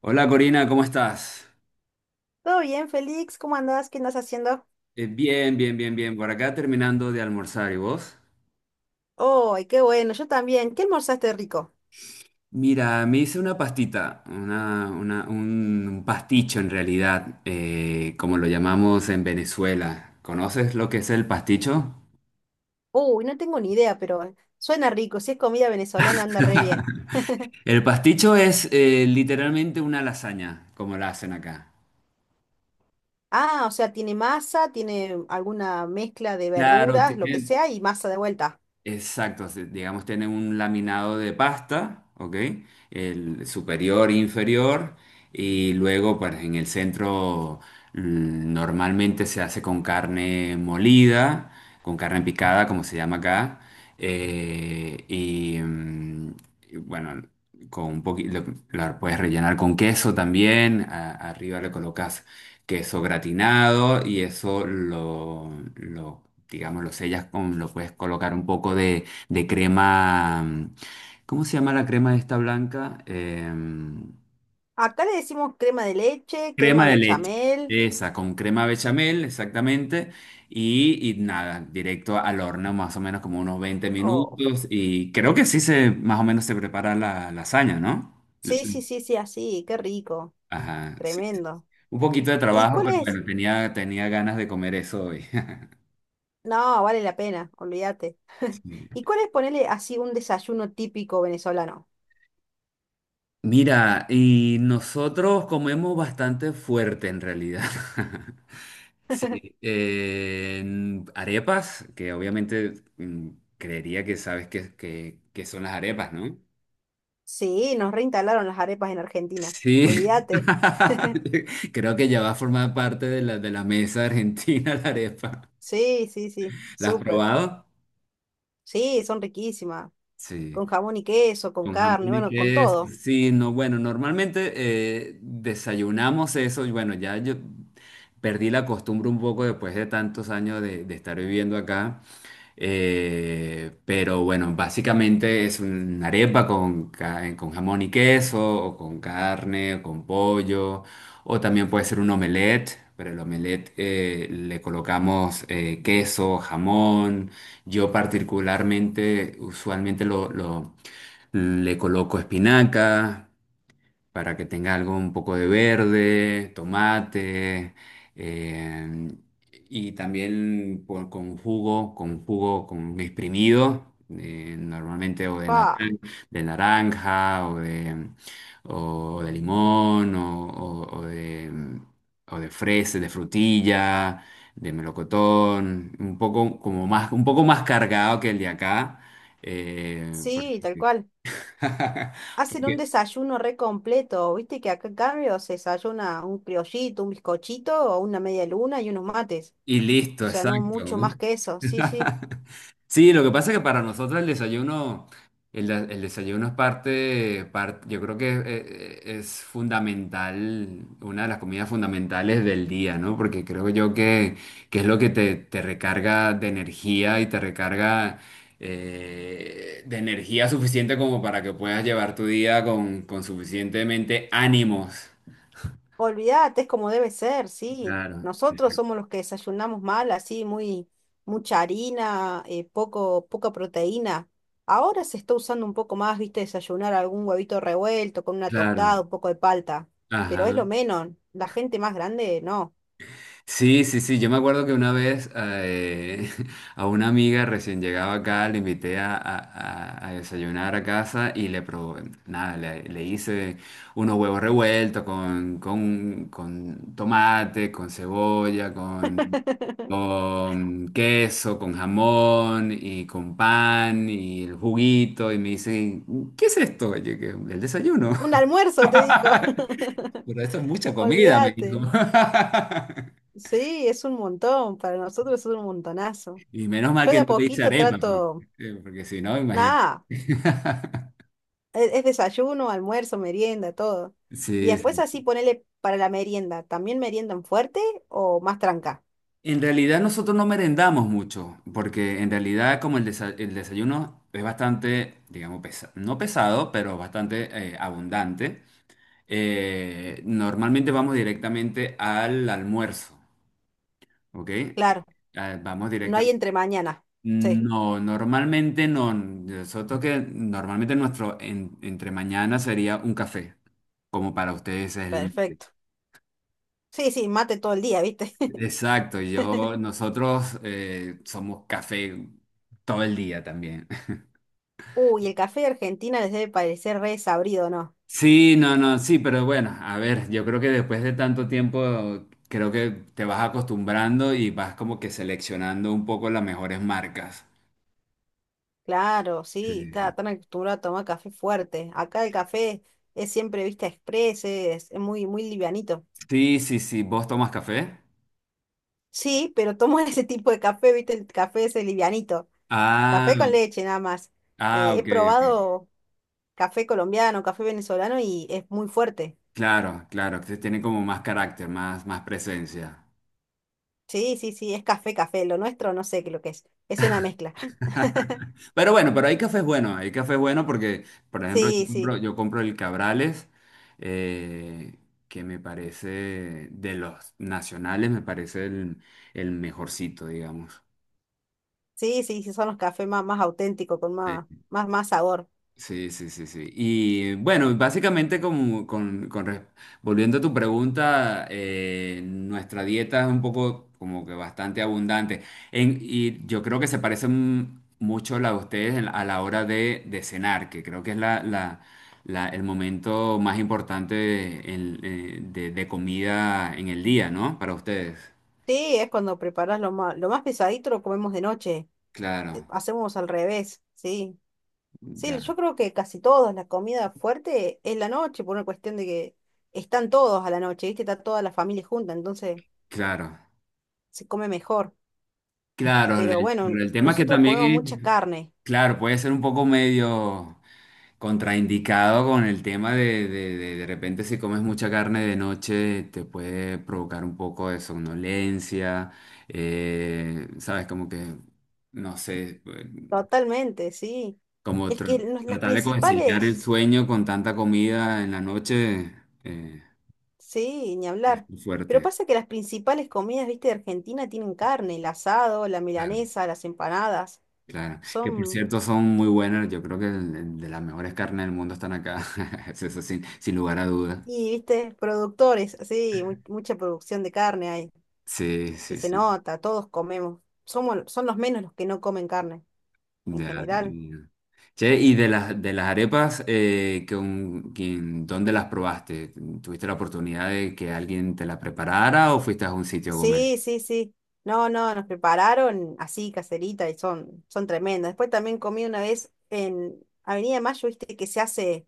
Hola Corina, ¿cómo estás? Todo bien, Félix, ¿cómo andás? ¿Qué andás haciendo? Bien. Por acá terminando de almorzar, ¿y vos? ¡Ay, qué bueno! Yo también. ¿Qué almorzaste rico? Mira, me hice una pastita, un pasticho en realidad, como lo llamamos en Venezuela. ¿Conoces lo que es el pasticho? Uy, no tengo ni idea, pero suena rico. Si es comida venezolana, anda re bien. El pasticho es literalmente una lasaña, como la hacen acá. Ah, o sea, tiene masa, tiene alguna mezcla de Claro, verduras, lo que tiene, sea, y masa de vuelta. exacto, digamos, tiene un laminado de pasta, ¿ok? El superior, inferior, y luego, pues en el centro normalmente se hace con carne molida, con carne picada, como se llama acá, eh, y, mm, bueno, con un poquito, la puedes rellenar con queso también, arriba le colocas queso gratinado y eso digamos, lo sellas con, lo puedes colocar un poco de crema, ¿cómo se llama la crema esta blanca? Acá le decimos crema de leche, crema Crema de leche, bechamel. esa, con crema bechamel, exactamente. Y nada, directo al horno, más o menos como unos veinte Oh, minutos. Y creo que sí se, más o menos se prepara la lasaña, ¿no? sí, sí, sí, sí, así, qué rico. Ajá, sí. Tremendo. Un poquito de ¿Y trabajo, cuál pero es? bueno, tenía ganas de comer eso hoy. No, vale la pena, olvídate. ¿Y cuál es ponerle así un desayuno típico venezolano? Mira, y nosotros comemos bastante fuerte en realidad. Sí, arepas, que obviamente creería que sabes que son las arepas, ¿no? Sí, nos reinstalaron las arepas en Argentina. Sí, Olvídate. creo que ya va a formar parte de de la mesa argentina la arepa. Sí, sí, sí. ¿La has Súper. probado? Sí, son riquísimas. Sí. Con jamón y queso, con Con carne, jamón y bueno, con queso, todo. sí, no, bueno, normalmente desayunamos eso y bueno, ya yo perdí la costumbre un poco después de tantos años de estar viviendo acá, pero bueno, básicamente es una arepa con, con jamón y queso, o con carne, o con pollo, o también puede ser un omelette, pero el omelette le colocamos queso, jamón, yo particularmente usualmente le coloco espinaca para que tenga algo un poco de verde, tomate, eh, y también con jugo, con exprimido, normalmente o de, Ah, de naranja o de limón o, o de fresa, de frutilla, de melocotón, un poco como más, un poco más cargado que el de acá. Sí, tal Porque cual. Hacen un Porque- desayuno re completo. Viste que acá en cambio se desayuna un criollito, un bizcochito o una media luna y unos mates. y O listo, sea, no exacto. mucho más que eso. Sí, sí. Sí, lo que pasa es que para nosotros el desayuno, el desayuno es parte, yo creo que es, fundamental, una de las comidas fundamentales del día, ¿no? Porque creo yo que es lo que te recarga de energía y te recarga de energía suficiente como para que puedas llevar tu día con suficientemente ánimos. Olvídate, es como debe ser, sí. Claro, Nosotros somos los que desayunamos mal, así, muy, mucha harina, poco, poca proteína. Ahora se está usando un poco más, viste, desayunar algún huevito revuelto con una claro. tostada, un poco de palta. Pero Ajá. es lo menos. La gente más grande, no. Sí, sí, sí. Yo me acuerdo que una vez a una amiga recién llegaba acá, le invité a desayunar a casa y le probé, nada, le hice unos huevos revueltos con tomate, con cebolla, con queso, con jamón y con pan y el juguito. Y me dice, ¿qué es esto? Y yo, que, el desayuno. Un almuerzo, te dijo. Pero esto es mucha comida, me dijo. Olvídate. Sí, es un montón. Para nosotros es un montonazo. Y menos mal Yo que de a no te hice poquito arepa, porque, trato. Porque si no, imagínate. Nada. Es desayuno, almuerzo, merienda, todo. Y Sí, después sí. así ponele para la merienda. ¿También meriendan fuerte o más tranca? En realidad nosotros no merendamos mucho, porque en realidad como el, el desayuno es bastante, digamos, no pesado, pero bastante abundante, normalmente vamos directamente al almuerzo, ¿ok? Claro, ah, vamos no hay directamente. entre mañana. Sí, No, normalmente no. Nosotros que normalmente nuestro entre mañana sería un café, como para ustedes es el perfecto. Sí, sí, mate todo el día, ¿viste? exacto, yo, nosotros somos café todo el día también. Uy, el café de Argentina les debe parecer re sabrido, ¿no? Sí, no, no, sí, pero bueno, a ver, yo creo que después de tanto tiempo, creo que te vas acostumbrando y vas como que seleccionando un poco las mejores marcas. Claro, sí, Sí, sí. cada tan acostumbrado a tomar café fuerte. Acá el café es siempre, viste, express, es muy, muy livianito. Sí, sí, sí, ¿vos tomas café? Sí, pero tomo ese tipo de café, viste, el café ese livianito. Ah, Café con leche, nada más. ah, He ok, ok. probado café colombiano, café venezolano y es muy fuerte. Claro, claro, que tiene como más carácter, más, más presencia. Sí, sí, sí, es café, café. Lo nuestro no sé qué lo que es. Es una mezcla. Pero bueno, pero hay cafés bueno porque, por ejemplo, Sí, sí, yo compro el Cabrales, eh, que me parece de los nacionales, me parece el mejorcito, digamos. sí, sí, sí, son los cafés más, más auténticos, con más, más, más sabor. Sí, sí, sí, sí. Y bueno, básicamente como, con, volviendo a tu pregunta, nuestra dieta es un poco como que bastante abundante. Y yo creo que se parece mucho la de ustedes a la hora de cenar, que creo que es el momento más importante de, de comida en el día, ¿no? Para ustedes. Sí, es cuando preparas lo más pesadito lo comemos de noche. Claro, Hacemos al revés, sí. Sí, ya, yo creo que casi todos, la comida fuerte es la noche, por una cuestión de que están todos a la noche, ¿viste? Está toda la familia junta, entonces claro. se come mejor. Claro, Pero bueno, el tema es que nosotros comemos mucha también, carne, claro, puede ser un poco medio... Contraindicado con el tema de repente si comes mucha carne de noche te puede provocar un poco de somnolencia, sabes, como que, no sé, totalmente, sí. como Es que las tratar de conciliar el principales, sueño con tanta comida en la noche eh, sí, ni es hablar. muy Pero fuerte. pasa que las principales comidas, viste, de Argentina tienen carne, el asado, la Claro, milanesa, las empanadas. claro. Que por Son, cierto son muy buenas, yo creo que de las mejores carnes del mundo están acá, eso sin, sin lugar a dudas. y viste, productores, sí, mucha producción de carne hay. Sí, Y sí, se sí. Sí. nota, todos comemos. Somos, son los menos los que no comen carne, en Ya, general. ya. Che, y de las arepas, ¿dónde las probaste? ¿Tuviste la oportunidad de que alguien te la preparara o fuiste a un sitio a comer? Sí, sí, sí. No, no, nos prepararon así, caserita, y son, son tremendas. Después también comí una vez en Avenida Mayo, viste que se hace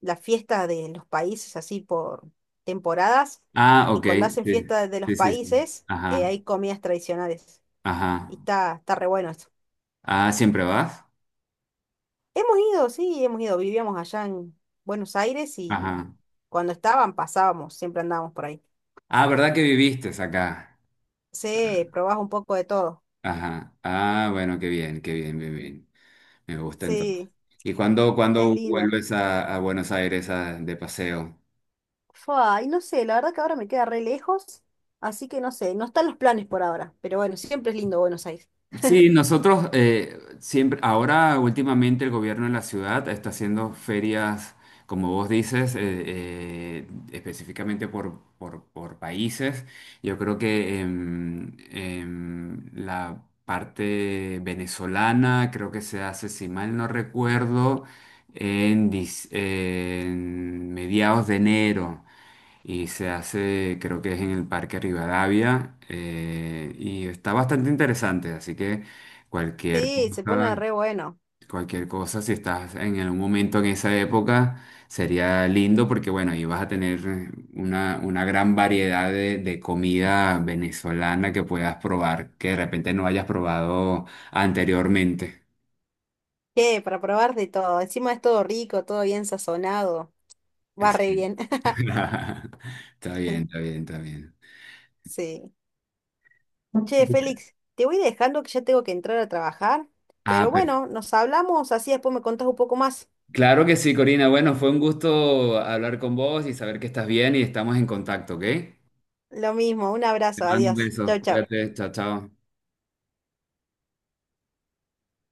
la fiesta de los países así por temporadas, Ah, y ok, cuando hacen sí, fiesta de los sí, sí, sí. países, Ajá, hay comidas tradicionales. ajá. Y está, está re bueno eso. Ah, ¿siempre vas? Hemos ido, sí, hemos ido. Vivíamos allá en Buenos Aires y Ajá. cuando estaban pasábamos, siempre andábamos por ahí. Ah, ¿verdad que viviste acá? Sí, probás un poco de todo. Ajá. Ah, bueno, qué bien, bien, bien. Me gusta entonces. Sí, ¿Y es cuándo lindo. vuelves a Buenos Aires de paseo? Fua, y no sé, la verdad que ahora me queda re lejos, así que no sé, no están los planes por ahora, pero bueno, siempre es lindo Buenos Aires. Sí, nosotros siempre, ahora últimamente el gobierno de la ciudad está haciendo ferias, como vos dices, eh, específicamente por, por países. Yo creo que la parte venezolana creo que se hace, si mal no recuerdo, en, en mediados de enero y se hace, creo que es en el Parque Rivadavia, y está bastante interesante, así que cualquier Sí, se cosa, pone re bueno. cualquier cosa, si estás en algún momento en esa época, sería lindo porque, bueno, ahí vas a tener una gran variedad de comida venezolana que puedas probar, que de repente no hayas probado anteriormente. ¿Qué? Para probar de todo. Encima es todo rico, todo bien sazonado. Va Es re bien. Está bien, está bien, está bien. Sí. Che, Félix, te voy dejando que ya tengo que entrar a trabajar, Ah, pero perfecto. bueno, nos hablamos, así después me contás un poco más. Claro que sí, Corina. Bueno, fue un gusto hablar con vos y saber que estás bien y estamos en contacto, ¿ok? Te Lo mismo, un abrazo, mando un adiós. beso. Chau, chau. Cuídate. Chao, chao.